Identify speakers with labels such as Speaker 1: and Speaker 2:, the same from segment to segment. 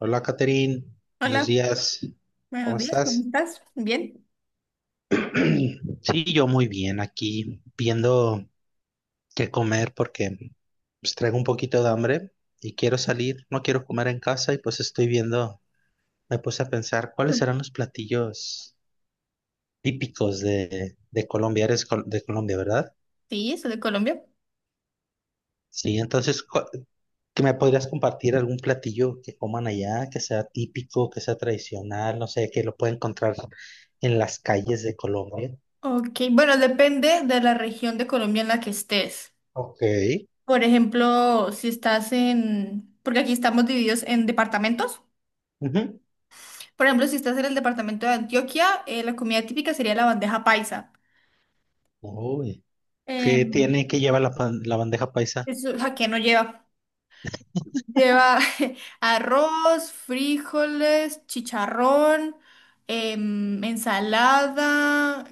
Speaker 1: Hola, Catherine. Buenos
Speaker 2: Hola,
Speaker 1: días. ¿Cómo
Speaker 2: buenos días, ¿cómo
Speaker 1: estás?
Speaker 2: estás? Bien.
Speaker 1: Sí, yo muy bien aquí, viendo qué comer porque pues, traigo un poquito de hambre y quiero salir. No quiero comer en casa y pues estoy viendo, me puse a pensar cuáles serán los platillos típicos de Colombia. Eres de Colombia, ¿verdad?
Speaker 2: Sí, soy de Colombia.
Speaker 1: Sí, entonces, ¿qué me podrías compartir algún platillo que coman allá, que sea típico, que sea tradicional, no sé, que lo pueda encontrar en las calles de Colombia?
Speaker 2: Ok, bueno, depende de la región de Colombia en la que estés.
Speaker 1: Ok.
Speaker 2: Por ejemplo, si estás en, porque aquí estamos divididos en departamentos.
Speaker 1: Ujú.
Speaker 2: Por ejemplo, si estás en el departamento de Antioquia, la comida típica sería la bandeja paisa.
Speaker 1: Uy, ¿qué
Speaker 2: Em,
Speaker 1: tiene que llevar la bandeja paisa?
Speaker 2: eso, ¿a qué no lleva? Lleva arroz, frijoles, chicharrón, ensalada,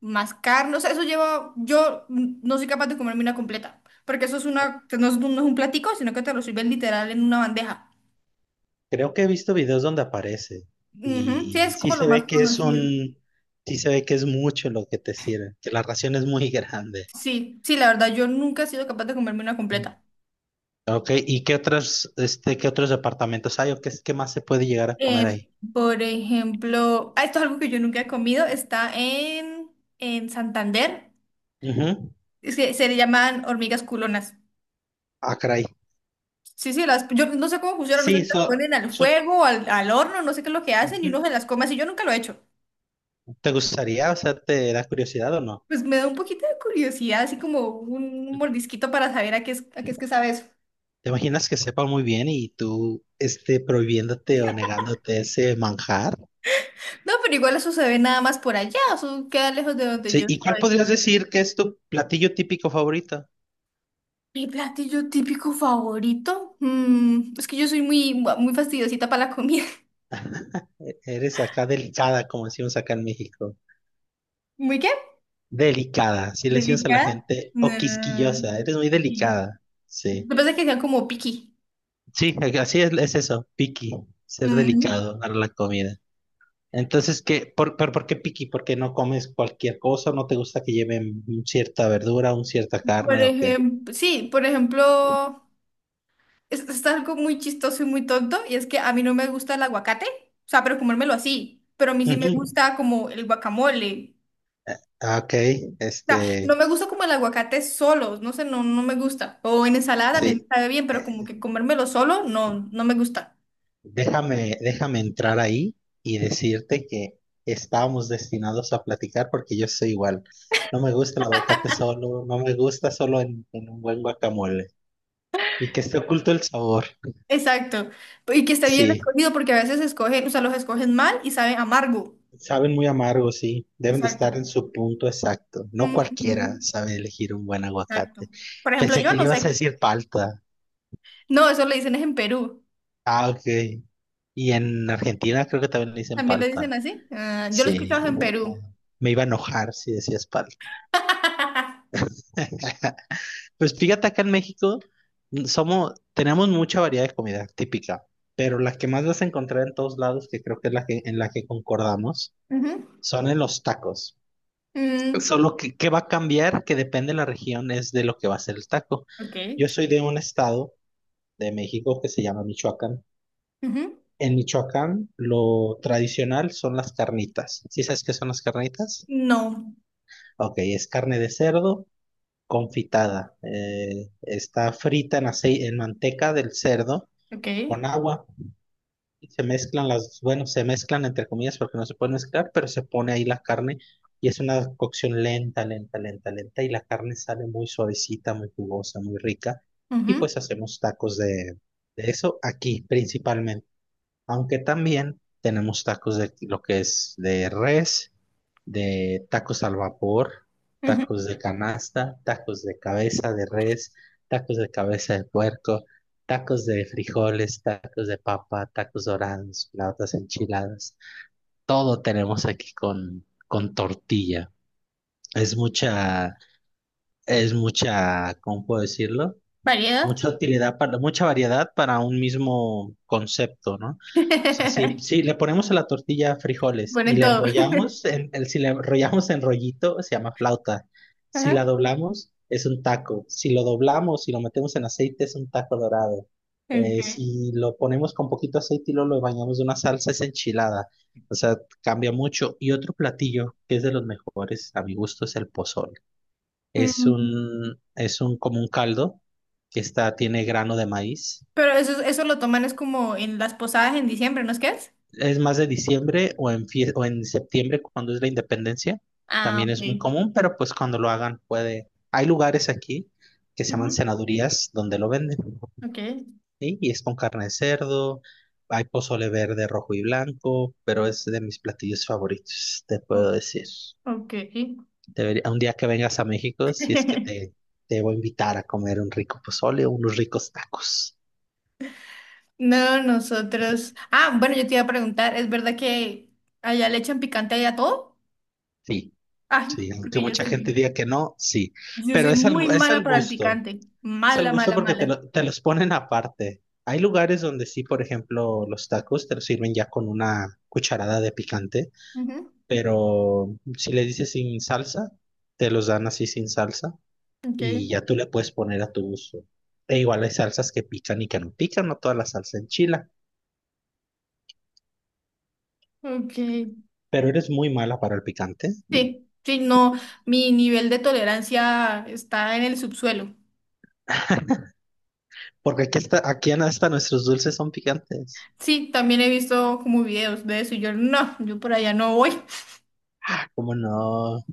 Speaker 2: más carne. O sea, eso lleva. Yo no soy capaz de comerme una completa. Porque eso es una. Que No es, un no es un platico, sino que te lo sirven literal en una bandeja.
Speaker 1: Creo que he visto videos donde aparece
Speaker 2: Ujú. Sí,
Speaker 1: y
Speaker 2: es
Speaker 1: sí
Speaker 2: como lo
Speaker 1: se
Speaker 2: más
Speaker 1: ve que es
Speaker 2: conocido.
Speaker 1: sí se ve que es mucho lo que te sirve, que la ración es muy grande.
Speaker 2: Sí, sí, la verdad, yo nunca he sido capaz de comerme una
Speaker 1: Mm.
Speaker 2: completa.
Speaker 1: Ok, ¿y qué otros, este, qué otros departamentos hay o qué, qué más se puede llegar a comer
Speaker 2: Em,
Speaker 1: ahí?
Speaker 2: por ejemplo, ah, esto es algo que yo nunca he comido. En Santander.
Speaker 1: Ujú.
Speaker 2: Es que se le llaman hormigas culonas.
Speaker 1: Ah, caray.
Speaker 2: Sí, sí, yo no sé cómo funcionan, no sé si
Speaker 1: Sí,
Speaker 2: las ponen al
Speaker 1: so-
Speaker 2: fuego, al horno, no sé qué es lo que hacen y
Speaker 1: ujú.
Speaker 2: uno se las come así, yo nunca lo he hecho.
Speaker 1: ¿Te gustaría, o sea, te da curiosidad o no?
Speaker 2: Pues me da un poquito de curiosidad, así como un mordisquito para saber a qué es que sabe eso.
Speaker 1: ¿Te imaginas que sepa muy bien y tú este, prohibiéndote o negándote ese manjar?
Speaker 2: No, pero igual eso se ve nada más por allá, eso queda lejos de donde
Speaker 1: Sí,
Speaker 2: yo
Speaker 1: ¿y cuál
Speaker 2: estoy.
Speaker 1: podrías decir que es tu platillo típico favorito?
Speaker 2: Mi platillo típico favorito. Mm, es que yo soy muy fastidiosita para la comida.
Speaker 1: Eres acá delicada, como decimos acá en México.
Speaker 2: ¿Muy qué?
Speaker 1: Delicada, si le decimos a la
Speaker 2: Delicada.
Speaker 1: gente,
Speaker 2: No.
Speaker 1: o quisquillosa, eres muy
Speaker 2: Y-
Speaker 1: delicada. Sí,
Speaker 2: Yo pensé que sean como piqui.
Speaker 1: sí, así es eso, picky, ser
Speaker 2: Ujú.
Speaker 1: delicado para la comida. Entonces, ¿qué? ¿Por, pero por qué picky? ¿Porque no comes cualquier cosa? ¿No te gusta que lleven cierta verdura, un cierta carne o qué?
Speaker 2: Por ejemplo. Es algo muy chistoso y muy tonto, y es que a mí no me gusta el aguacate, o sea, pero comérmelo así, pero a mí sí me
Speaker 1: Ujú.
Speaker 2: gusta como el guacamole.
Speaker 1: Ah, ok,
Speaker 2: O sea, no
Speaker 1: este,
Speaker 2: me gusta como el aguacate solo, no sé, no me gusta. O en ensalada también
Speaker 1: sí,
Speaker 2: me sabe bien, pero como
Speaker 1: eh,
Speaker 2: que comérmelo solo, no me gusta.
Speaker 1: déjame entrar ahí y decirte que estábamos destinados a platicar porque yo soy igual. No me gusta el aguacate solo, no me gusta solo en un buen guacamole. Y que esté oculto el sabor.
Speaker 2: Exacto. Y que esté bien
Speaker 1: Sí,
Speaker 2: escogido, porque a veces escogen, o sea, los escogen mal y saben amargo.
Speaker 1: saben muy amargos, sí. Deben de estar
Speaker 2: Exacto.
Speaker 1: en su punto exacto. No cualquiera
Speaker 2: Ujú,
Speaker 1: sabe elegir un buen
Speaker 2: exacto.
Speaker 1: aguacate.
Speaker 2: Por ejemplo,
Speaker 1: Pensé
Speaker 2: yo
Speaker 1: que le
Speaker 2: no
Speaker 1: ibas a
Speaker 2: sé.
Speaker 1: decir palta.
Speaker 2: No, eso le dicen es en Perú.
Speaker 1: Ah, ok. Y en Argentina creo que también le dicen
Speaker 2: También le
Speaker 1: palta.
Speaker 2: dicen así. Ah, yo lo he
Speaker 1: Sí,
Speaker 2: escuchado en Perú.
Speaker 1: me iba a enojar si decías pal. Pues fíjate, acá en México somos, tenemos mucha variedad de comida típica, pero la que más vas a encontrar en todos lados, que creo que es la que, en la que concordamos,
Speaker 2: Ujú.
Speaker 1: son en los tacos.
Speaker 2: Mm,
Speaker 1: Solo que, ¿qué va a cambiar? Que depende de la región, es de lo que va a ser el taco.
Speaker 2: ok.
Speaker 1: Yo soy de un estado de México que se llama Michoacán.
Speaker 2: Ujú.
Speaker 1: En Michoacán, lo tradicional son las carnitas. ¿Sí sabes qué son las carnitas?
Speaker 2: No.
Speaker 1: Ok, es carne de cerdo confitada. Está frita en aceite, en manteca del cerdo
Speaker 2: Ok.
Speaker 1: con agua. Y se mezclan las, bueno, se mezclan entre comillas porque no se puede mezclar, pero se pone ahí la carne y es una cocción lenta, lenta, lenta, lenta y la carne sale muy suavecita, muy jugosa, muy rica. Y
Speaker 2: Ujú.
Speaker 1: pues hacemos tacos de eso aquí principalmente. Aunque también tenemos tacos de lo que es de res, de tacos al vapor,
Speaker 2: Ujú.
Speaker 1: tacos de canasta, tacos de cabeza de res, tacos de cabeza de puerco, tacos de frijoles, tacos de papa, tacos dorados, flautas enchiladas. Todo tenemos aquí con tortilla. Es mucha, es mucha, ¿cómo puedo decirlo?
Speaker 2: Variedad.
Speaker 1: Mucha utilidad para, mucha variedad para un mismo concepto, ¿no? O sea, si le ponemos a la tortilla frijoles y
Speaker 2: Ponen
Speaker 1: le
Speaker 2: todo.
Speaker 1: enrollamos, si le enrollamos en rollito, se llama flauta. Si la
Speaker 2: Ajá.
Speaker 1: doblamos, es un taco. Si lo doblamos y lo metemos en aceite, es un taco dorado.
Speaker 2: Okay.
Speaker 1: Si lo ponemos con poquito aceite y luego lo bañamos de una salsa, es enchilada. O sea, cambia mucho. Y otro platillo que es de los mejores, a mi gusto, es el pozole.
Speaker 2: Mm,
Speaker 1: Es un como un caldo que está, tiene grano de maíz.
Speaker 2: pero eso lo toman es como en las posadas en diciembre, ¿no es que es?
Speaker 1: Es más de diciembre o o en septiembre cuando es la independencia.
Speaker 2: Ah,
Speaker 1: También es muy
Speaker 2: ok.
Speaker 1: común, pero pues cuando lo hagan puede. Hay lugares aquí que se llaman
Speaker 2: Ujú.
Speaker 1: senadurías donde lo venden.
Speaker 2: Ok.
Speaker 1: ¿Sí? Y es con carne de cerdo, hay pozole verde, rojo y blanco, pero es de mis platillos favoritos, te puedo
Speaker 2: O-
Speaker 1: decir.
Speaker 2: Ok.
Speaker 1: Un día que vengas a México, si es que te, te voy a invitar a comer un rico pozole o unos ricos tacos.
Speaker 2: No, nosotros. Ah, bueno, yo te iba a preguntar, ¿es verdad que allá le echan picante allá a todo?
Speaker 1: Sí.
Speaker 2: Ay,
Speaker 1: Sí, aunque
Speaker 2: porque
Speaker 1: mucha gente diga que no, sí.
Speaker 2: yo
Speaker 1: Pero
Speaker 2: soy muy
Speaker 1: es
Speaker 2: mala
Speaker 1: al
Speaker 2: para el
Speaker 1: gusto.
Speaker 2: picante.
Speaker 1: Es al
Speaker 2: Mala,
Speaker 1: gusto
Speaker 2: mala,
Speaker 1: porque
Speaker 2: mala.
Speaker 1: te los ponen aparte. Hay lugares donde sí, por ejemplo, los tacos te los sirven ya con una cucharada de picante,
Speaker 2: Ujú.
Speaker 1: pero si le dices sin salsa, te los dan así sin salsa y
Speaker 2: Okay,
Speaker 1: ya tú le puedes poner a tu gusto. E igual hay salsas que pican y que no pican, no toda la salsa enchila,
Speaker 2: okay.
Speaker 1: pero eres muy mala para el picante,
Speaker 2: Sí, sí, no, mi nivel de tolerancia está en el subsuelo.
Speaker 1: porque aquí, está, aquí hasta nuestros dulces son picantes.
Speaker 2: Sí, también he visto como videos de eso y yo por allá no voy.
Speaker 1: ¿Cómo no?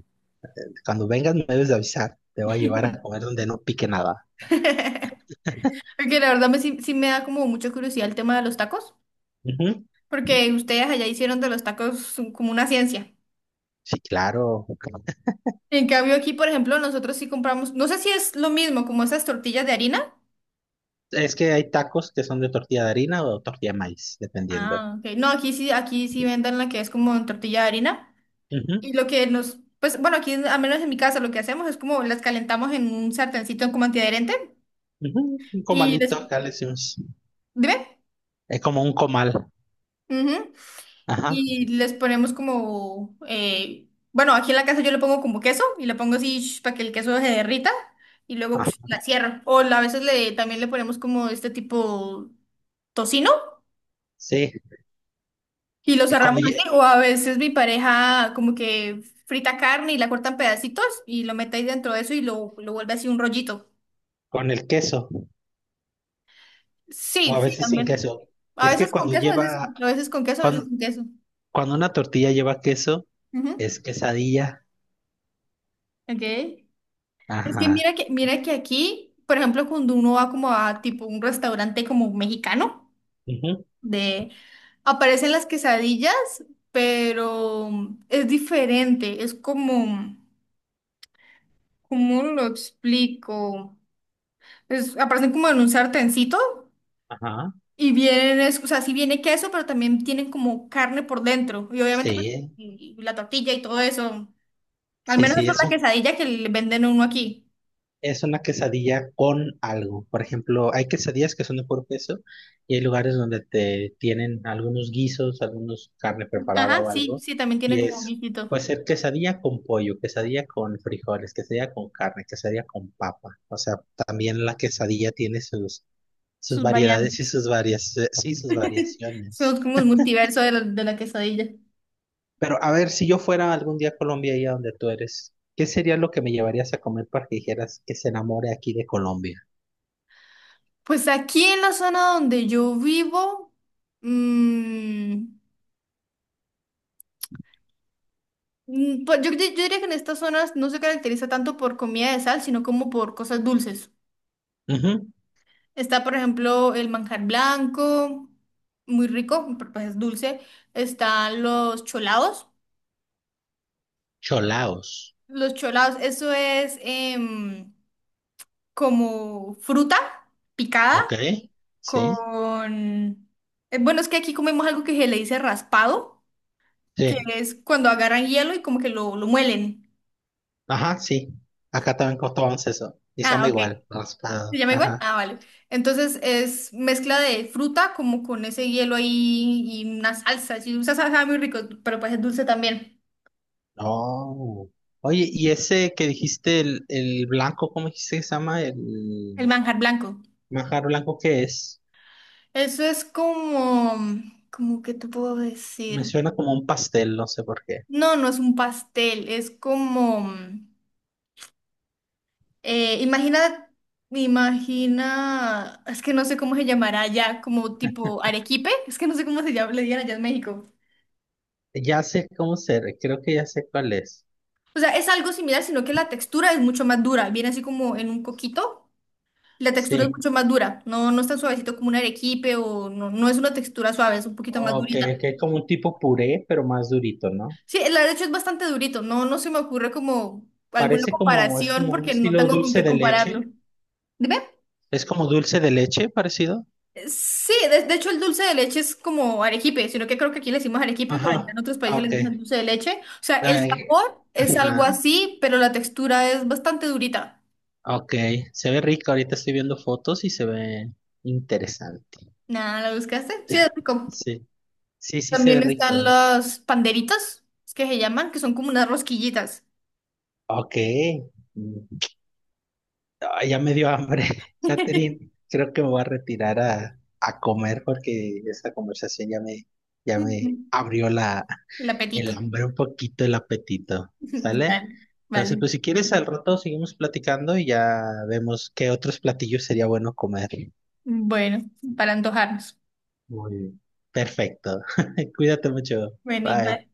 Speaker 1: Cuando vengas me debes de avisar. Te voy a llevar a comer donde no pique nada.
Speaker 2: Porque sí, sí me da como mucha curiosidad el tema de los tacos,
Speaker 1: Ujú.
Speaker 2: porque ustedes allá hicieron de los tacos como una ciencia.
Speaker 1: Sí, claro.
Speaker 2: En cambio aquí, por ejemplo, nosotros sí compramos, no sé si es lo mismo como esas tortillas de harina.
Speaker 1: Es que hay tacos que son de tortilla de harina o tortilla de maíz, dependiendo.
Speaker 2: Ah, ok. No, aquí sí venden la que es como en tortilla de harina.
Speaker 1: Ujú,
Speaker 2: Y lo que nos, pues bueno, aquí al menos en mi casa lo que hacemos es como las calentamos en un sartencito como antiadherente
Speaker 1: ujú. Un
Speaker 2: y
Speaker 1: comalito, acá le decimos.
Speaker 2: dime.
Speaker 1: Es como un comal.
Speaker 2: Ujú.
Speaker 1: Ajá.
Speaker 2: Y les ponemos como, bueno, aquí en la casa yo le pongo como queso y le pongo así para que el queso se derrita y luego
Speaker 1: Ah,
Speaker 2: psh, la cierro. A veces le, también le ponemos como este tipo tocino
Speaker 1: sí.
Speaker 2: y lo
Speaker 1: Es
Speaker 2: cerramos así. O a veces mi pareja como que frita carne y la corta en pedacitos y lo mete ahí dentro de eso y lo vuelve así un rollito.
Speaker 1: con el queso, o a
Speaker 2: Sí, sí,
Speaker 1: veces sin
Speaker 2: también.
Speaker 1: queso.
Speaker 2: A
Speaker 1: Es que
Speaker 2: veces con
Speaker 1: cuando
Speaker 2: queso,
Speaker 1: lleva,
Speaker 2: a veces con queso, a veces
Speaker 1: cuando,
Speaker 2: sin queso.
Speaker 1: cuando una tortilla lleva queso,
Speaker 2: Ujú.
Speaker 1: es quesadilla.
Speaker 2: Ok. Es que
Speaker 1: Ajá.
Speaker 2: mira que aquí, por ejemplo, cuando uno va como a tipo un restaurante como mexicano,
Speaker 1: Ujú,
Speaker 2: de aparecen las quesadillas, pero es diferente, es como, ¿cómo lo explico? Aparecen como en un sartencito
Speaker 1: ajá.
Speaker 2: y vienen, o sea, sí viene queso, pero también tienen como carne por dentro y obviamente pues,
Speaker 1: Sí,
Speaker 2: y la tortilla y todo eso. Al
Speaker 1: sí,
Speaker 2: menos
Speaker 1: sí,
Speaker 2: esa es
Speaker 1: eso.
Speaker 2: la quesadilla que le venden a uno aquí.
Speaker 1: Es una quesadilla con algo. Por ejemplo, hay quesadillas que son de puro queso y hay lugares donde te tienen algunos guisos, algunos carne preparada
Speaker 2: Ajá,
Speaker 1: o
Speaker 2: sí,
Speaker 1: algo.
Speaker 2: sí, también tiene
Speaker 1: Y
Speaker 2: como un
Speaker 1: es,
Speaker 2: guisito,
Speaker 1: puede ser quesadilla con pollo, quesadilla con frijoles, quesadilla con carne, quesadilla con papa. O sea, también la quesadilla tiene sus, sus
Speaker 2: sus
Speaker 1: variedades y
Speaker 2: variantes.
Speaker 1: sus varias, sí, sus variaciones.
Speaker 2: Somos como el multiverso de de la quesadilla.
Speaker 1: Pero a ver, si yo fuera algún día a Colombia, ahí a donde tú eres, ¿qué sería lo que me llevarías a comer para que dijeras que se enamore aquí de Colombia?
Speaker 2: Pues aquí en la zona donde yo vivo, mm, mm, pues yo diría que en estas zonas no se caracteriza tanto por comida de sal, sino como por cosas dulces.
Speaker 1: Ujú.
Speaker 2: Está, por ejemplo, el manjar blanco, muy rico, pero pues es dulce. Están los cholados.
Speaker 1: Cholaos,
Speaker 2: Los cholados, eso es... como fruta
Speaker 1: ¿ok?
Speaker 2: picada
Speaker 1: Sí,
Speaker 2: con... bueno, es que aquí comemos algo que se le dice raspado, que
Speaker 1: sí,
Speaker 2: es cuando agarran hielo y como que lo muelen.
Speaker 1: ajá, sí. Acá también costaban eso. Y se
Speaker 2: Ah,
Speaker 1: llama
Speaker 2: ok.
Speaker 1: igual,
Speaker 2: ¿Se
Speaker 1: raspado.
Speaker 2: llama igual?
Speaker 1: Ajá.
Speaker 2: Ah, vale. Entonces es mezcla de fruta como con ese hielo ahí y una salsa. Si usas salsa sabe muy rico, pero pues es dulce también.
Speaker 1: Oh. Oye, y ese que dijiste, el blanco, ¿cómo dijiste que se llama? El
Speaker 2: El manjar blanco.
Speaker 1: manjar blanco, ¿qué es?
Speaker 2: Eso es como... ¿Cómo que te puedo
Speaker 1: Me
Speaker 2: decir?
Speaker 1: suena como un pastel, no sé por qué.
Speaker 2: No, no es un pastel, es como... Eh, imagina, imagina, es que no sé cómo se llamará allá, como tipo arequipe, es que no sé cómo se llama, le digan allá en México.
Speaker 1: Ya sé cómo ser, creo que ya sé cuál es.
Speaker 2: O sea, es algo similar, sino que la textura es mucho más dura, viene así como en un coquito, la textura es
Speaker 1: Sí.
Speaker 2: mucho más dura, no es tan suavecito como un arequipe o no, no es una textura suave, es un poquito más
Speaker 1: Ok,
Speaker 2: durita.
Speaker 1: que es como un tipo puré, pero más durito, ¿no?
Speaker 2: Sí, la de hecho es bastante durito, no se me ocurre como alguna
Speaker 1: Parece como, es
Speaker 2: comparación
Speaker 1: como un
Speaker 2: porque no
Speaker 1: estilo
Speaker 2: tengo con
Speaker 1: dulce
Speaker 2: qué
Speaker 1: de
Speaker 2: compararlo.
Speaker 1: leche. Es como dulce de leche, parecido.
Speaker 2: Sí, de hecho el dulce de leche es como arequipe, sino que creo que aquí le decimos arequipe, pero allá en
Speaker 1: Ajá,
Speaker 2: otros
Speaker 1: ah,
Speaker 2: países le
Speaker 1: ok.
Speaker 2: dicen dulce de leche. O sea, el
Speaker 1: Ay,
Speaker 2: sabor es algo
Speaker 1: ah,
Speaker 2: así, pero la textura es bastante durita.
Speaker 1: ok, se ve rico. Ahorita estoy viendo fotos y se ve interesante.
Speaker 2: Nada, ¿la buscaste? Sí, es rico.
Speaker 1: Sí. Sí, sí se ve
Speaker 2: También
Speaker 1: rico.
Speaker 2: están
Speaker 1: ¿No?
Speaker 2: las panderitas, es que se llaman, que son como unas rosquillitas.
Speaker 1: Ok. Mm, ah, ya me dio hambre. Catherine, creo que me voy a retirar a comer porque esta conversación ya me
Speaker 2: Ujú.
Speaker 1: abrió la,
Speaker 2: El
Speaker 1: el
Speaker 2: apetito.
Speaker 1: hambre un poquito, el apetito. ¿Sale?
Speaker 2: Vale,
Speaker 1: Entonces,
Speaker 2: vale.
Speaker 1: pues si quieres, al rato seguimos platicando y ya vemos qué otros platillos sería bueno comer.
Speaker 2: Bueno, para antojarnos.
Speaker 1: Muy bien. Perfecto. Cuídate mucho.
Speaker 2: Bueno,
Speaker 1: Bye.
Speaker 2: igual.